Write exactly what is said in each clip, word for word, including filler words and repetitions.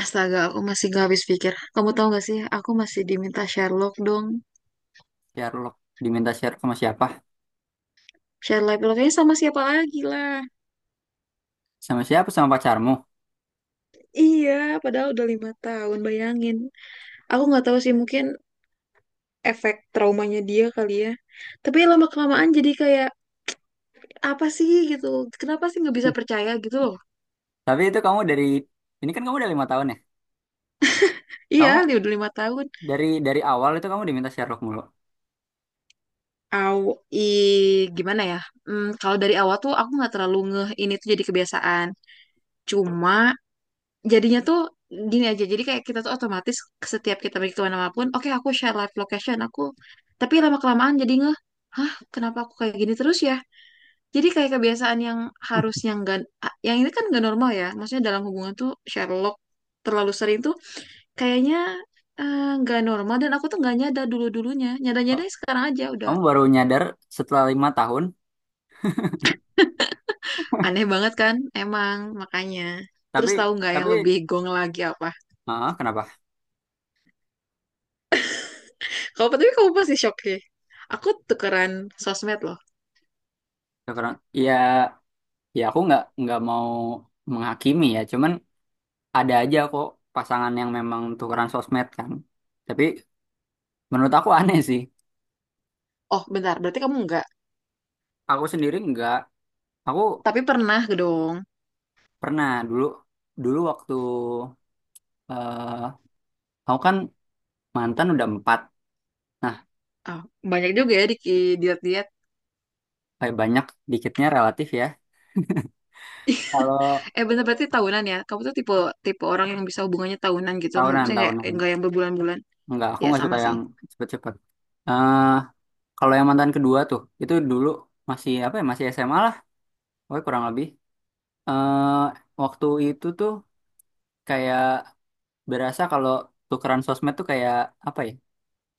Astaga, aku masih gak habis pikir. Kamu tahu gak sih, aku masih diminta Sherlock dong. Sherlock diminta share sama siapa? Sherlock Sherlocknya sama siapa lagi lah. Sama siapa? Sama pacarmu. Iya, padahal udah lima tahun, bayangin. Aku nggak tahu sih, mungkin efek traumanya dia kali ya. Tapi lama-kelamaan jadi kayak, apa sih gitu? Kenapa sih nggak bisa percaya gitu loh? Tapi itu kamu dari ini kan kamu udah lima tahun ya. Iya, Kamu dia udah lima tahun. dari dari awal itu kamu diminta Sherlock mulu. Aw, i, gimana ya? Hmm, kalau dari awal tuh aku nggak terlalu ngeh ini tuh jadi kebiasaan. Cuma jadinya tuh gini aja, jadi kayak kita tuh otomatis setiap kita pergi kemana pun, oke aku share live location aku. Tapi lama kelamaan jadi ngeh, hah, kenapa aku kayak gini terus ya? Jadi kayak kebiasaan yang harusnya nggak. Ah, yang ini kan nggak normal ya, maksudnya dalam hubungan tuh share log terlalu sering tuh kayaknya eh, nggak normal. Dan aku tuh nggak nyadar dulu dulunya, nyadar nyadar sekarang aja udah Kamu baru nyadar setelah lima tahun. aneh banget kan, emang makanya. Tapi Terus tahu nggak yang tapi lebih gong lagi apa? ah kenapa? Kalau tapi kamu pasti shock sih, aku tukeran sosmed loh. Ya, karena ya ya aku nggak nggak mau menghakimi ya. Cuman ada aja kok pasangan yang memang tukeran sosmed kan. Tapi menurut aku aneh sih. Oh, bentar. Berarti kamu enggak. Aku sendiri nggak. Aku Tapi pernah dong. pernah dulu dulu waktu eh aku kan mantan udah empat. Nah, Oh, banyak juga ya di di- diet-diet. kayak banyak dikitnya relatif ya. Kalau Eh, bentar, berarti tahunan ya. Kamu tuh tipe tipe orang yang bisa hubungannya tahunan gitu. tahunan, Maksudnya enggak tahunan. enggak yang berbulan-bulan. Enggak, aku Ya, nggak sama suka sih. yang cepet-cepet. eh Kalau yang mantan kedua tuh, itu dulu masih apa ya, masih S M A lah. Pokoknya kurang lebih. eh Waktu itu tuh kayak berasa kalau tukeran sosmed tuh kayak apa ya,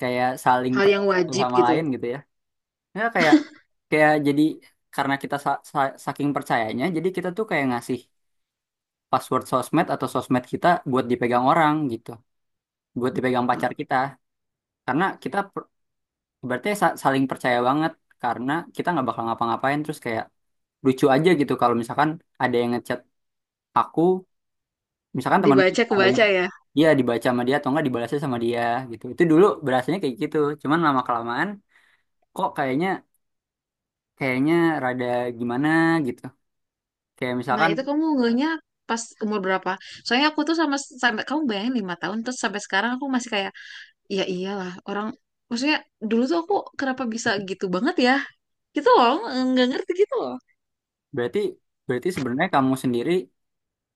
kayak saling Hal per yang satu wajib sama gitu. lain gitu ya. Ya kayak kayak jadi karena kita sa- sa- saking percayanya, jadi kita tuh kayak ngasih password sosmed atau sosmed kita buat dipegang orang gitu. Buat dipegang Oh, pacar kita karena kita per- berarti sa- saling percaya banget karena kita nggak bakal ngapa-ngapain terus kayak lucu aja gitu kalau misalkan ada yang ngechat aku misalkan temanku dibaca ada yang kebaca ya. dia dibaca sama dia atau nggak dibalasnya sama dia gitu itu dulu berasanya kayak gitu. Cuman lama kelamaan kok kayaknya kayaknya rada gimana gitu kayak Nah, misalkan itu kamu ngehnya pas umur berapa? Soalnya aku tuh sama, sampai kamu bayangin lima tahun terus sampai sekarang aku masih kayak, "Ya, iya iyalah orang, maksudnya dulu tuh aku, kenapa bisa gitu banget ya?" Gitu loh, nggak ngerti gitu loh. berarti berarti sebenarnya kamu sendiri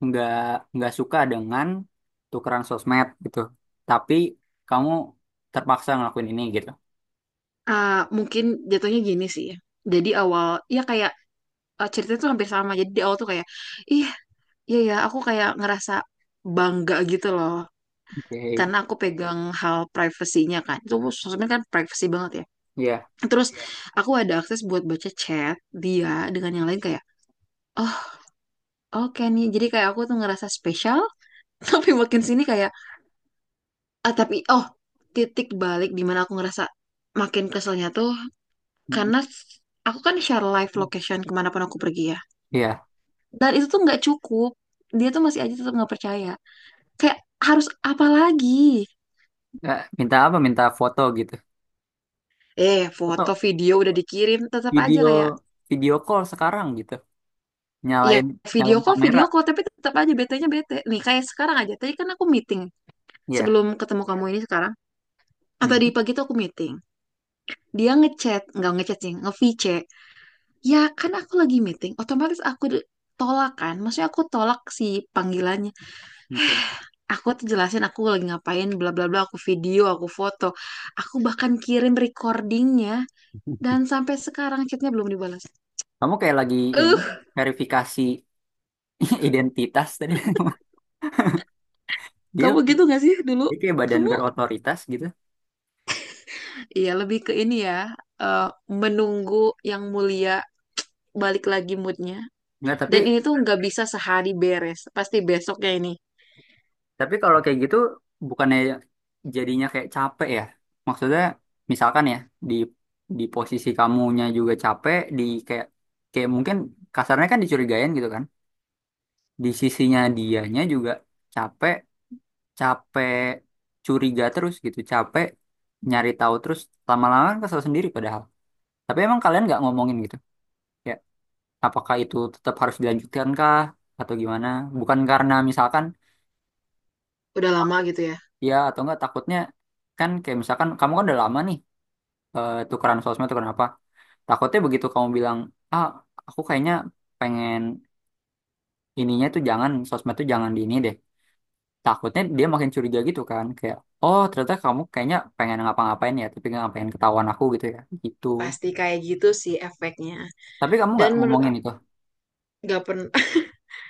nggak nggak suka dengan tukeran sosmed gitu tapi kamu terpaksa ngelakuin ini gitu. Ah, mungkin jatuhnya gini sih ya. Jadi awal ya kayak, eh, ceritanya tuh hampir sama. Jadi di awal tuh kayak, ih, iya ya aku kayak ngerasa bangga gitu loh, Oke, karena aku pegang hal privasinya kan. Itu sosmed kan privasi banget ya. iya. Terus aku ada akses buat baca chat dia dengan yang lain kayak, oh, oke nih. Jadi kayak aku tuh ngerasa spesial. Tapi makin sini kayak, ah, tapi, oh, titik balik di mana aku ngerasa makin keselnya tuh karena aku kan share live location kemanapun aku pergi ya. Iya. Dan itu tuh nggak cukup. Dia tuh masih aja tetap nggak percaya. Kayak, harus apa lagi? Nah, minta apa? Minta foto gitu. Eh, foto Foto, video udah dikirim, tetap aja video, kayak, video call sekarang gitu. ya, Nyalain, video nyalain kok, kamera. video kok, tapi tetap aja betenya bete. Nih kayak sekarang aja. Tadi kan aku meeting Iya. sebelum ketemu kamu ini sekarang. Atau Hmm. di pagi tuh aku meeting. Dia ngechat, nggak ngechat sih, nge-V C. Ya kan aku lagi meeting, otomatis aku di- tolak kan. Maksudnya aku tolak si panggilannya. Oke. Aku tuh jelasin aku lagi ngapain, bla bla bla, aku video, aku foto, aku bahkan kirim recordingnya, dan sampai sekarang chatnya belum dibalas. Kamu kayak lagi ini Eh, verifikasi identitas tadi. Dia, kamu gitu gak sih dulu? dia kayak badan Kamu, berotoritas gitu. iya, lebih ke ini ya, eh, menunggu yang mulia balik lagi moodnya. Enggak, tapi Dan ini tuh nggak bisa sehari beres, pasti besoknya ini tapi kalau kayak gitu bukannya jadinya kayak capek ya? Maksudnya misalkan ya di di posisi kamunya juga capek di kayak kayak mungkin kasarnya kan dicurigain gitu kan? Di sisinya dianya juga capek, capek curiga terus gitu, capek nyari tahu terus, lama-lama kan kesel sendiri padahal. Tapi emang kalian nggak ngomongin gitu ya apakah itu tetap harus dilanjutkan kah atau gimana bukan karena misalkan udah lama gitu ya. ya atau enggak takutnya kan kayak misalkan kamu kan udah lama nih, eh, tukeran sosmed tukeran apa, takutnya begitu kamu bilang, ah aku kayaknya pengen ininya tuh jangan sosmed tuh jangan di ini deh, takutnya dia makin curiga gitu kan kayak oh ternyata kamu kayaknya pengen ngapa-ngapain ya tapi nggak pengen ketahuan aku gitu ya gitu. Pasti kayak gitu sih efeknya. Tapi kamu Dan nggak menurut ngomongin aku itu. nggak pernah.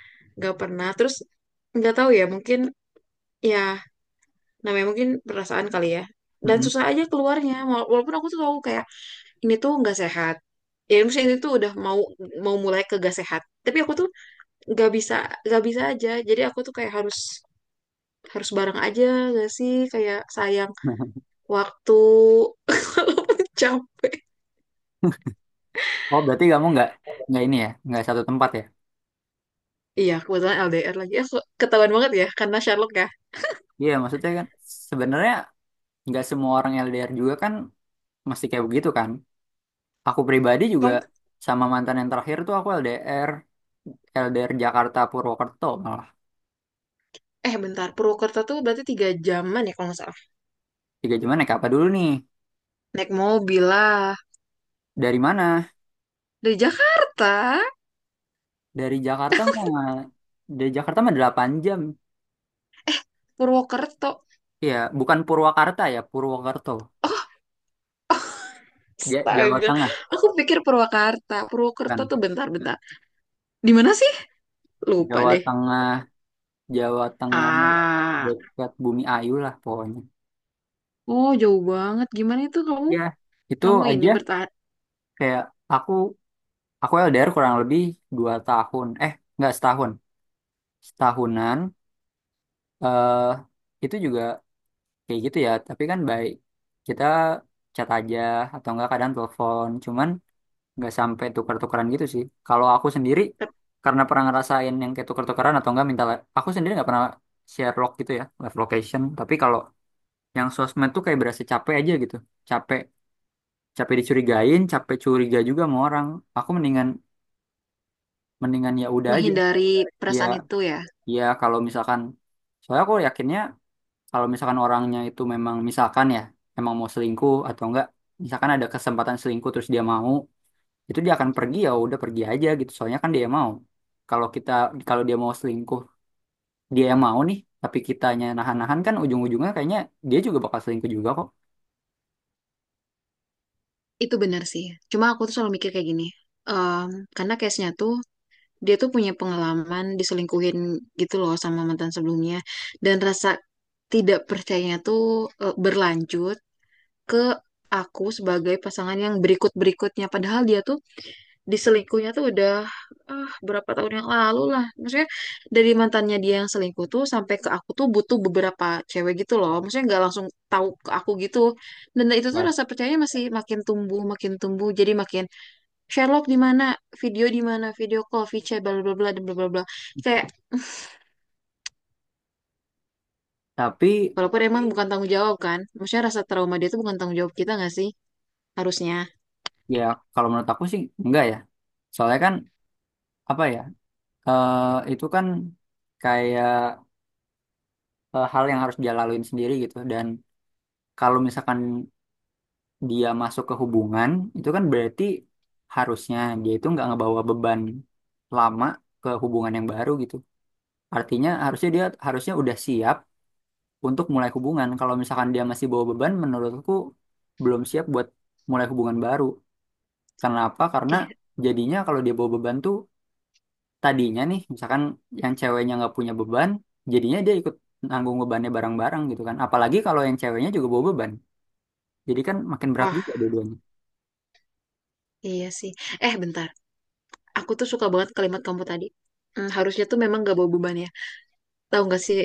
Nggak pernah terus, nggak tahu ya, mungkin ya, namanya mungkin perasaan kali ya. Dan Mm-mm. susah aja keluarnya. Wala- walaupun aku tuh tahu kayak ini tuh nggak sehat, ya maksudnya ini tuh udah mau mau mulai ke gak sehat, tapi aku tuh nggak bisa nggak bisa aja. Jadi aku tuh kayak harus harus bareng aja gak sih? Kayak sayang waktu. Jam, Oh berarti kamu nggak nggak ini ya nggak satu tempat ya. iya kebetulan L D R lagi, aku ketahuan banget ya karena Sherlock ya. Iya maksudnya kan sebenarnya nggak semua orang L D R juga kan mesti kayak begitu kan. Aku pribadi juga Kamu, sama mantan yang terakhir tuh aku L D R L D R Jakarta Purwokerto malah. eh bentar, Purwokerto tuh berarti tiga jaman ya kalau nggak salah. Tiga jam naik apa dulu nih? Naik mobil lah. Dari mana? Dari Jakarta. Dari Jakarta mah, dari Jakarta mah delapan jam. Purwokerto. Iya, bukan Purwakarta ya, Purwokerto. Ja- Jawa Astaga, Tengah aku pikir Purwakarta. Purwakarta kan. tuh bentar-bentar. Di mana sih? Lupa Jawa deh. Tengah, Jawa Tengah Ah, dekat Bumi Ayu lah pokoknya. oh jauh banget. Gimana itu kamu? Ya, itu Kamu ini aja bertahan, kayak aku aku L D R kurang lebih dua tahun. Eh, nggak setahun. Setahunan. eh itu juga kayak gitu ya, tapi kan baik. Kita chat aja atau enggak kadang telepon. Cuman nggak sampai tukar-tukaran gitu sih. Kalau aku sendiri ter- karena pernah ngerasain yang kayak tukar-tukaran atau enggak minta li- aku sendiri nggak pernah share log gitu ya, live location. Tapi kalau yang sosmed tuh kayak berasa capek aja gitu. Capek, capek dicurigain, capek curiga juga sama orang. Aku mendingan, mendingan ya udah aja. menghindari Ya perasaan itu ya? ya kalau misalkan soalnya aku yakinnya kalau misalkan orangnya itu memang misalkan ya emang mau selingkuh atau enggak misalkan ada kesempatan selingkuh terus dia mau itu dia akan pergi, ya udah pergi aja gitu soalnya kan dia yang mau. Kalau kita, kalau dia mau selingkuh dia yang mau nih, tapi kitanya nahan-nahan kan ujung-ujungnya kayaknya dia juga bakal selingkuh juga kok. Itu benar sih. Cuma aku tuh selalu mikir kayak gini. Em, karena case-nya tuh dia tuh punya pengalaman diselingkuhin gitu loh, sama mantan sebelumnya. Dan rasa tidak percayanya tuh, eh, berlanjut ke aku sebagai pasangan yang berikut-berikutnya. Padahal dia tuh diselingkuhnya tuh udah, ah, berapa tahun yang lalu lah. Maksudnya dari mantannya dia yang selingkuh tuh sampai ke aku tuh butuh beberapa cewek gitu loh. Maksudnya nggak langsung tahu ke aku gitu. Dan itu tuh Nah, rasa percayanya masih makin tumbuh, makin tumbuh. Jadi makin Sherlock di mana, video di mana, video call, VChat, bla bla bla, dan bla bla bla. Kayak tapi walaupun emang bukan tanggung jawab kan. Maksudnya rasa trauma dia tuh bukan tanggung jawab kita nggak sih? Harusnya. ya kalau menurut aku sih enggak ya soalnya kan apa ya, eh, itu kan kayak eh, hal yang harus dia laluin sendiri gitu. Dan kalau misalkan dia masuk ke hubungan itu kan berarti harusnya dia itu nggak ngebawa beban lama ke hubungan yang baru gitu. Artinya harusnya dia harusnya udah siap untuk mulai hubungan. Kalau misalkan dia masih bawa beban, menurutku belum siap buat mulai hubungan baru. Kenapa? Karena Iya. jadinya kalau dia bawa beban tuh tadinya nih, misalkan yang ceweknya nggak punya beban, jadinya dia ikut nanggung bebannya bareng-bareng gitu kan. Apalagi kalau yang ceweknya juga bawa beban. Jadi kan makin berat Wah, juga dua-duanya. iya sih. Eh, bentar. Aku tuh suka banget kalimat kamu tadi. Hmm, harusnya tuh memang gak bawa beban. Tahu nggak sih?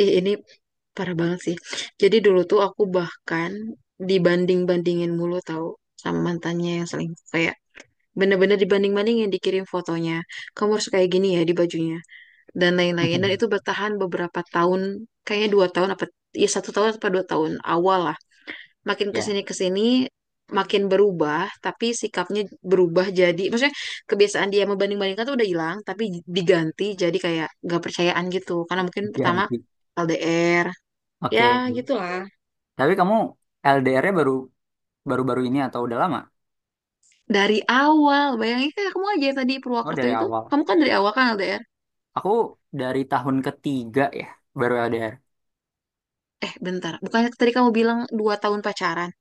Ih, ini parah banget sih. Jadi dulu tuh aku bahkan dibanding-bandingin mulu tahu, sama mantannya yang selingkuh. Kayak bener-bener dibanding-bandingin, dikirim fotonya. Kamu harus kayak gini ya di bajunya dan lain-lain. Dan itu bertahan beberapa tahun, kayaknya dua tahun apa ya, satu tahun apa dua tahun awal. Makin Ya, kesini kesini makin berubah, tapi sikapnya berubah, jadi maksudnya kebiasaan dia membanding-bandingkan tuh udah hilang, tapi diganti jadi kayak nggak percayaan gitu karena mungkin pertama ganti. L D R ya Oke. gitulah. Tapi kamu L D R-nya baru baru-baru ini atau udah lama? Dari awal bayangin kayak kamu aja yang tadi Oh, Purwakarta dari itu, awal. kamu kan dari awal kan L D R. Aku dari tahun ketiga ya baru L D R. Eh bentar, bukannya tadi kamu bilang dua tahun pacaran?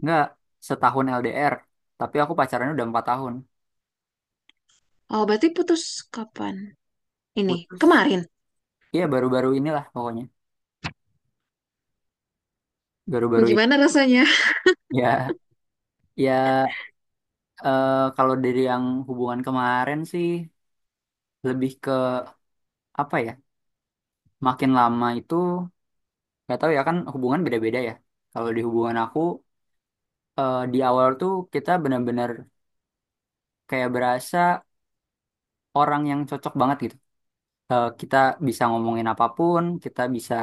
Enggak, setahun L D R. Tapi aku pacarannya udah empat tahun. Oh berarti putus kapan ini, Putus. kemarin? Iya baru-baru inilah pokoknya. Baru-baru ini. Gimana rasanya? Ya, ya, eh, kalau dari yang hubungan kemarin sih lebih ke apa ya? Makin lama itu nggak tahu ya kan hubungan beda-beda ya. Kalau di hubungan aku, eh, di awal tuh kita benar-benar kayak berasa orang yang cocok banget gitu. Eh, kita bisa ngomongin apapun, kita bisa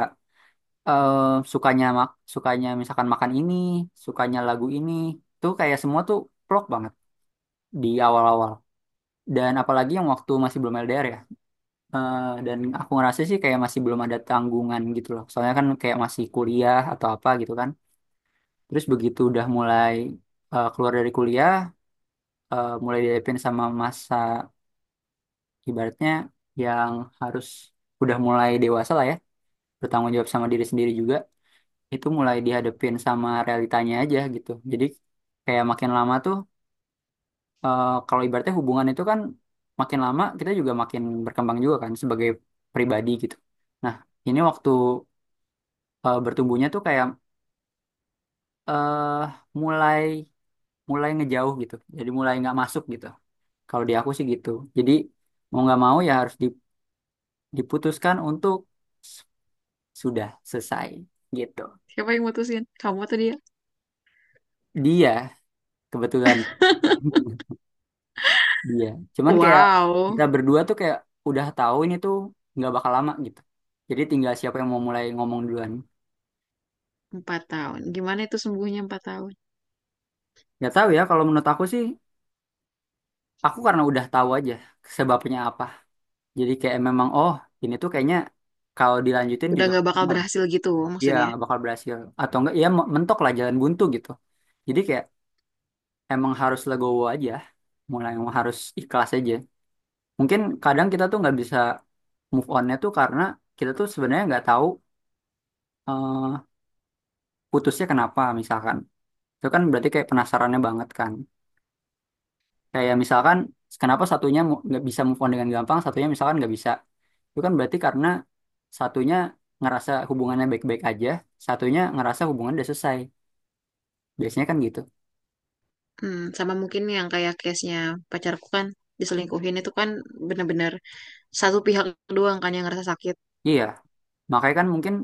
eh sukanya mak sukanya misalkan makan ini, sukanya lagu ini, tuh kayak semua tuh plok banget di awal-awal. Dan apalagi yang waktu masih belum L D R ya. Eh, dan aku ngerasa sih kayak masih belum ada tanggungan gitu loh. Soalnya kan kayak masih kuliah atau apa gitu kan. Terus begitu udah mulai eh, keluar dari kuliah, eh, mulai dihadapin sama masa ibaratnya yang harus udah mulai dewasa lah ya, bertanggung jawab sama diri sendiri juga. Itu mulai dihadapin sama realitanya aja gitu. Jadi kayak makin lama tuh, eh, kalau ibaratnya hubungan itu kan makin lama kita juga makin berkembang juga kan sebagai pribadi gitu. Nah, ini waktu eh, bertumbuhnya tuh kayak eh mulai mulai ngejauh gitu. Jadi mulai nggak masuk gitu. Kalau di aku sih gitu. Jadi mau nggak mau ya harus di- diputuskan untuk s- sudah selesai gitu. Siapa yang mutusin, kamu atau dia? Dia kebetulan. Iya, cuman kayak Wow. kita berdua tuh kayak udah tahu ini tuh nggak bakal lama gitu. Jadi tinggal siapa yang mau mulai ngomong duluan. Empat tahun. Gimana itu sembuhnya empat tahun? Nggak tahu ya, kalau menurut aku sih, aku karena udah tahu aja sebabnya apa. Jadi kayak memang, oh ini tuh kayaknya kalau dilanjutin Udah juga nggak bakal aman. berhasil gitu Iya, maksudnya. nggak bakal berhasil. Atau enggak, ya me- mentok lah jalan buntu gitu. Jadi kayak emang harus legowo aja, mulai emang harus ikhlas aja. Mungkin kadang kita tuh nggak bisa move onnya tuh karena kita tuh sebenarnya nggak tahu eh, putusnya kenapa misalkan itu kan berarti kayak penasarannya banget kan kayak misalkan kenapa satunya mu- nggak bisa move on dengan gampang satunya misalkan nggak bisa itu kan berarti karena satunya ngerasa hubungannya baik-baik aja satunya ngerasa hubungan udah selesai biasanya kan gitu. Hmm, sama mungkin yang kayak case-nya pacarku kan diselingkuhin itu kan, bener-bener satu pihak doang kan yang ngerasa sakit. Iya makanya kan mungkin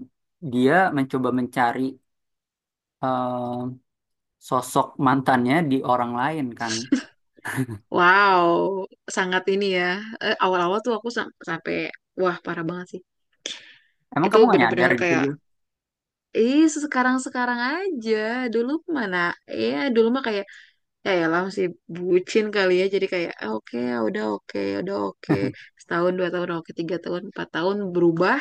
dia mencoba mencari eh, sosok mantannya di orang lain kan. Wow, sangat ini ya. Eh, awal-awal tuh aku sam- sampai, wah parah banget sih. Emang Itu kamu nggak nyadar bener-bener gitu kayak, dia? ih, sekarang-sekarang aja. Dulu mana? Ya, dulu mah kayak, ya lah masih bucin kali ya. Jadi kayak, "Ah, oke ya udah, oke ya udah, oke setahun dua tahun oke tiga tahun empat tahun berubah."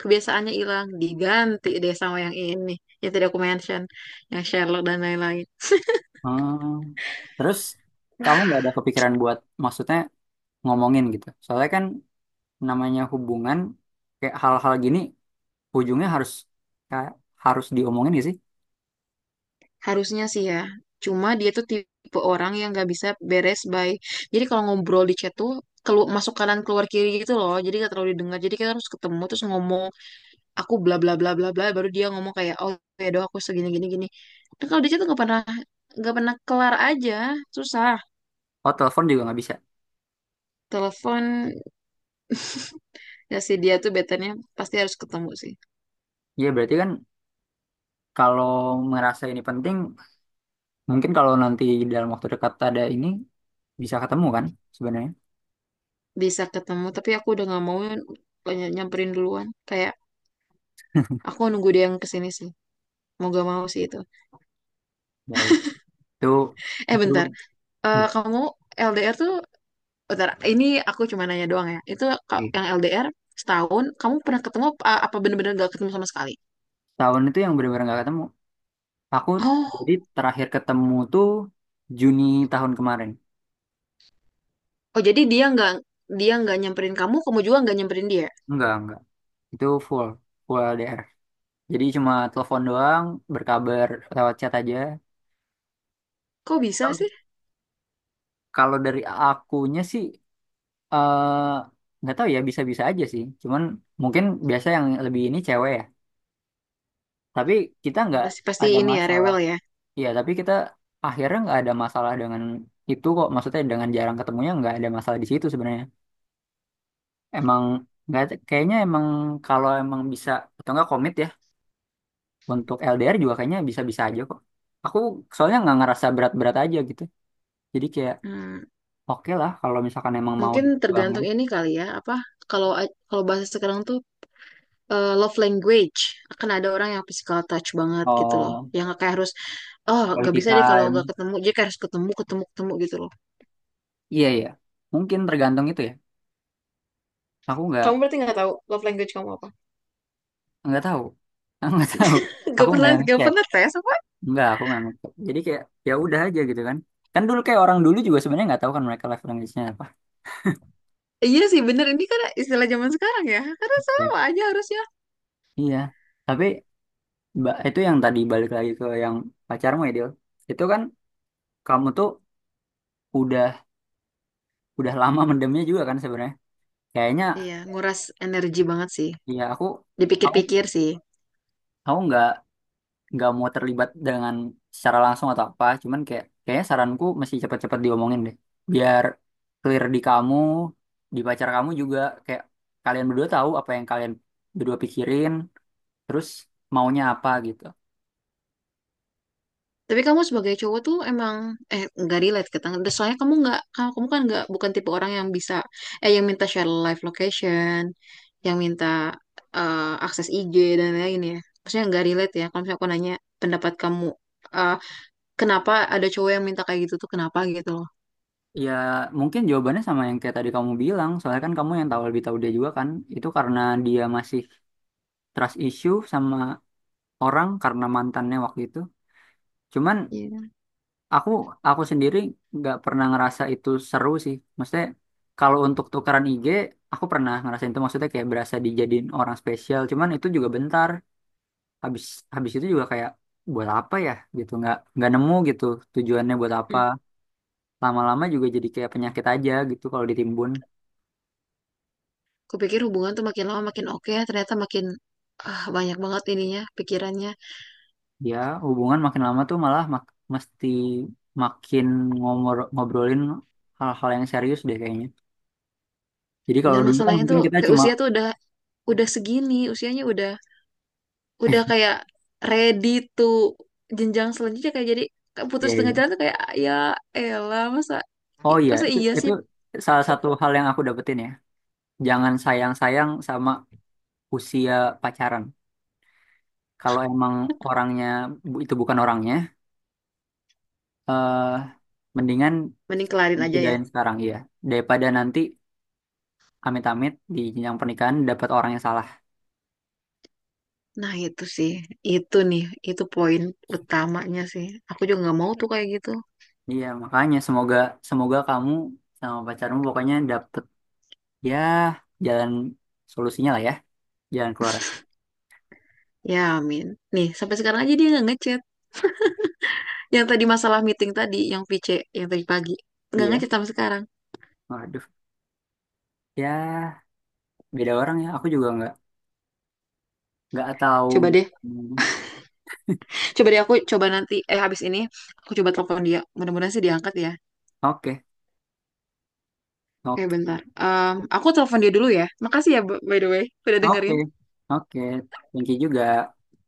Kebiasaannya hilang, diganti deh sama yang ini, yang tadi aku mention, yang Sherlock dan lain-lain. Hmm. Terus kamu nggak ada kepikiran buat maksudnya ngomongin gitu? Soalnya kan namanya hubungan kayak hal-hal gini ujungnya harus kayak harus diomongin gak sih? Harusnya sih ya. Cuma dia tuh tipe orang yang gak bisa beres by, jadi kalau ngobrol di chat tuh kelu masuk kanan keluar kiri gitu loh, jadi gak terlalu didengar. Jadi kita harus ketemu terus ngomong, aku bla bla bla bla bla, baru dia ngomong kayak, oh ya doa aku segini gini gini. Nah, kalau di situ nggak pernah, nggak pernah kelar aja, susah. Oh telepon juga nggak bisa. Telepon, ya si dia tuh betanya pasti harus ketemu sih. Ya berarti kan kalau merasa ini penting mungkin kalau nanti dalam waktu dekat ada ini bisa ketemu kan sebenarnya. Bisa ketemu tapi aku udah nggak mau ny- nyamperin duluan. Kayak aku nunggu dia yang kesini sih, mau gak mau sih itu. Ya itu Eh itu bentar. Eh, kamu L D R tuh bentar ini, aku cuma nanya doang ya itu ka- yang L D R setahun, kamu pernah ketemu apa apa, bener-bener gak ketemu sama sekali? tahun itu yang benar-benar nggak ketemu. Aku Oh. jadi terakhir ketemu tuh Juni tahun kemarin. Oh jadi dia nggak, dia nggak nyamperin kamu, kamu juga nggak nyamperin dia. Enggak, enggak. Itu full, full L D R. Jadi cuma telepon doang, berkabar lewat chat aja. Kok bisa sih? Kalau dari akunya sih eh, nggak tahu ya bisa-bisa aja sih. Cuman mungkin biasa yang lebih ini cewek ya. Tapi kita nggak Pasti, pasti ada ini ya masalah. rewel ya. Iya, tapi kita akhirnya nggak ada masalah dengan itu kok. Maksudnya dengan jarang ketemunya nggak ada masalah di situ sebenarnya. Emang nggak kayaknya emang kalau emang bisa atau nggak komit ya untuk L D R juga kayaknya bisa-bisa aja kok. Aku soalnya nggak ngerasa berat-berat aja gitu. Jadi kayak Hmm, oke lah kalau misalkan emang mau Mungkin diperjuangin. tergantung ini kali ya apa, kalau kalau bahasa sekarang tuh, eh, love language. Akan ada orang yang physical touch banget gitu loh, Oh, yang kayak harus, oh nggak quality bisa deh kalau nggak time. ketemu, dia kayak harus ketemu ketemu ketemu gitu loh. Iya ya, mungkin tergantung itu ya. Aku nggak Kamu berarti nggak tahu love language kamu apa? nggak tahu, aku nggak tahu. Gak Aku nggak pernah gak ngecek, pernah tes apa? nggak aku nggak ngecek. Jadi kayak ya udah aja gitu kan. Kan dulu kayak orang dulu juga sebenarnya nggak tahu kan mereka live language-nya apa. Iya sih bener, ini kan istilah zaman sekarang ya. Karena Ya. sama aja harusnya. Iya, tapi ba- itu yang tadi balik lagi ke yang pacarmu ya Dil. Itu kan kamu tuh udah udah lama mendemnya juga kan sebenarnya. Kayaknya Iya, nguras energi banget sih. ya aku aku Dipikir-pikir sih. aku nggak nggak mau terlibat dengan secara langsung atau apa, cuman kayak kayaknya saranku mesti cepet-cepet diomongin deh biar clear di kamu di pacar kamu juga kayak kalian berdua tahu apa yang kalian berdua pikirin terus maunya apa gitu. Tapi kamu sebagai cowok tuh emang, eh nggak relate ke tangga. Soalnya kamu nggak kamu, kamu kan nggak bukan tipe orang yang bisa, eh yang minta share live location, yang minta, eh, akses I G dan lain-lain ya. Maksudnya nggak relate ya. Kalau misalnya aku nanya pendapat kamu, eh, kenapa ada cowok yang minta kayak gitu tuh kenapa gitu loh? Ya mungkin jawabannya sama yang kayak tadi kamu bilang soalnya kan kamu yang tahu lebih tahu dia juga kan itu karena dia masih trust issue sama orang karena mantannya waktu itu. Cuman Iya. Aku aku sendiri nggak pernah ngerasa itu seru sih. Maksudnya kalau untuk tukaran I G, aku pernah ngerasain itu. Maksudnya kayak berasa dijadiin orang spesial. Cuman itu juga bentar. Habis habis itu juga kayak buat apa ya gitu. Nggak nggak nemu gitu tujuannya buat apa. Hmm. Lama-lama juga jadi kayak penyakit aja gitu kalau ditimbun. Kupikir hubungan tuh makin lama makin oke ya, ternyata makin, ah, banyak banget ininya pikirannya. Ya hubungan makin lama tuh malah mak- mesti makin ngomor ngobrolin hal-hal yang serius deh kayaknya. Jadi kalau Dan dulu kan masalahnya mungkin tuh kita kayak cuma usia tuh udah udah segini, usianya udah udah kayak ready to jenjang selanjutnya. Kayak jadi kayak putus ya tengah ya. jalan tuh kayak, ya elah masa, Oh i- iya, masa itu, iya itu sih, salah satu hal yang aku dapetin ya. Jangan sayang-sayang sama usia pacaran. Kalau emang orangnya bu- itu bukan orangnya, eh mendingan mending kelarin aja ya. sudahin sekarang iya. Daripada nanti amit-amit di jenjang pernikahan dapat orang yang salah. Nah itu sih, itu nih, itu poin utamanya sih, aku juga nggak mau tuh kayak gitu. Iya, makanya semoga, semoga kamu sama pacarmu pokoknya dapet ya jalan solusinya lah ya, jalan keluar. Ya amin. Nih sampai sekarang aja dia nggak ngechat, yang tadi masalah meeting tadi yang V C, yang tadi pagi, nggak Iya, ngechat sampai sekarang. waduh. Ya, beda orang ya. Aku juga nggak nggak tahu. Coba deh, Hmm. coba deh aku coba nanti, eh habis ini aku coba telepon dia, mudah-mudahan sih diangkat ya. Oke. Eh Oke, bentar. Em, aku telepon dia dulu ya. Makasih ya, b- by the way, udah oke, dengerin. oke. Thank you juga.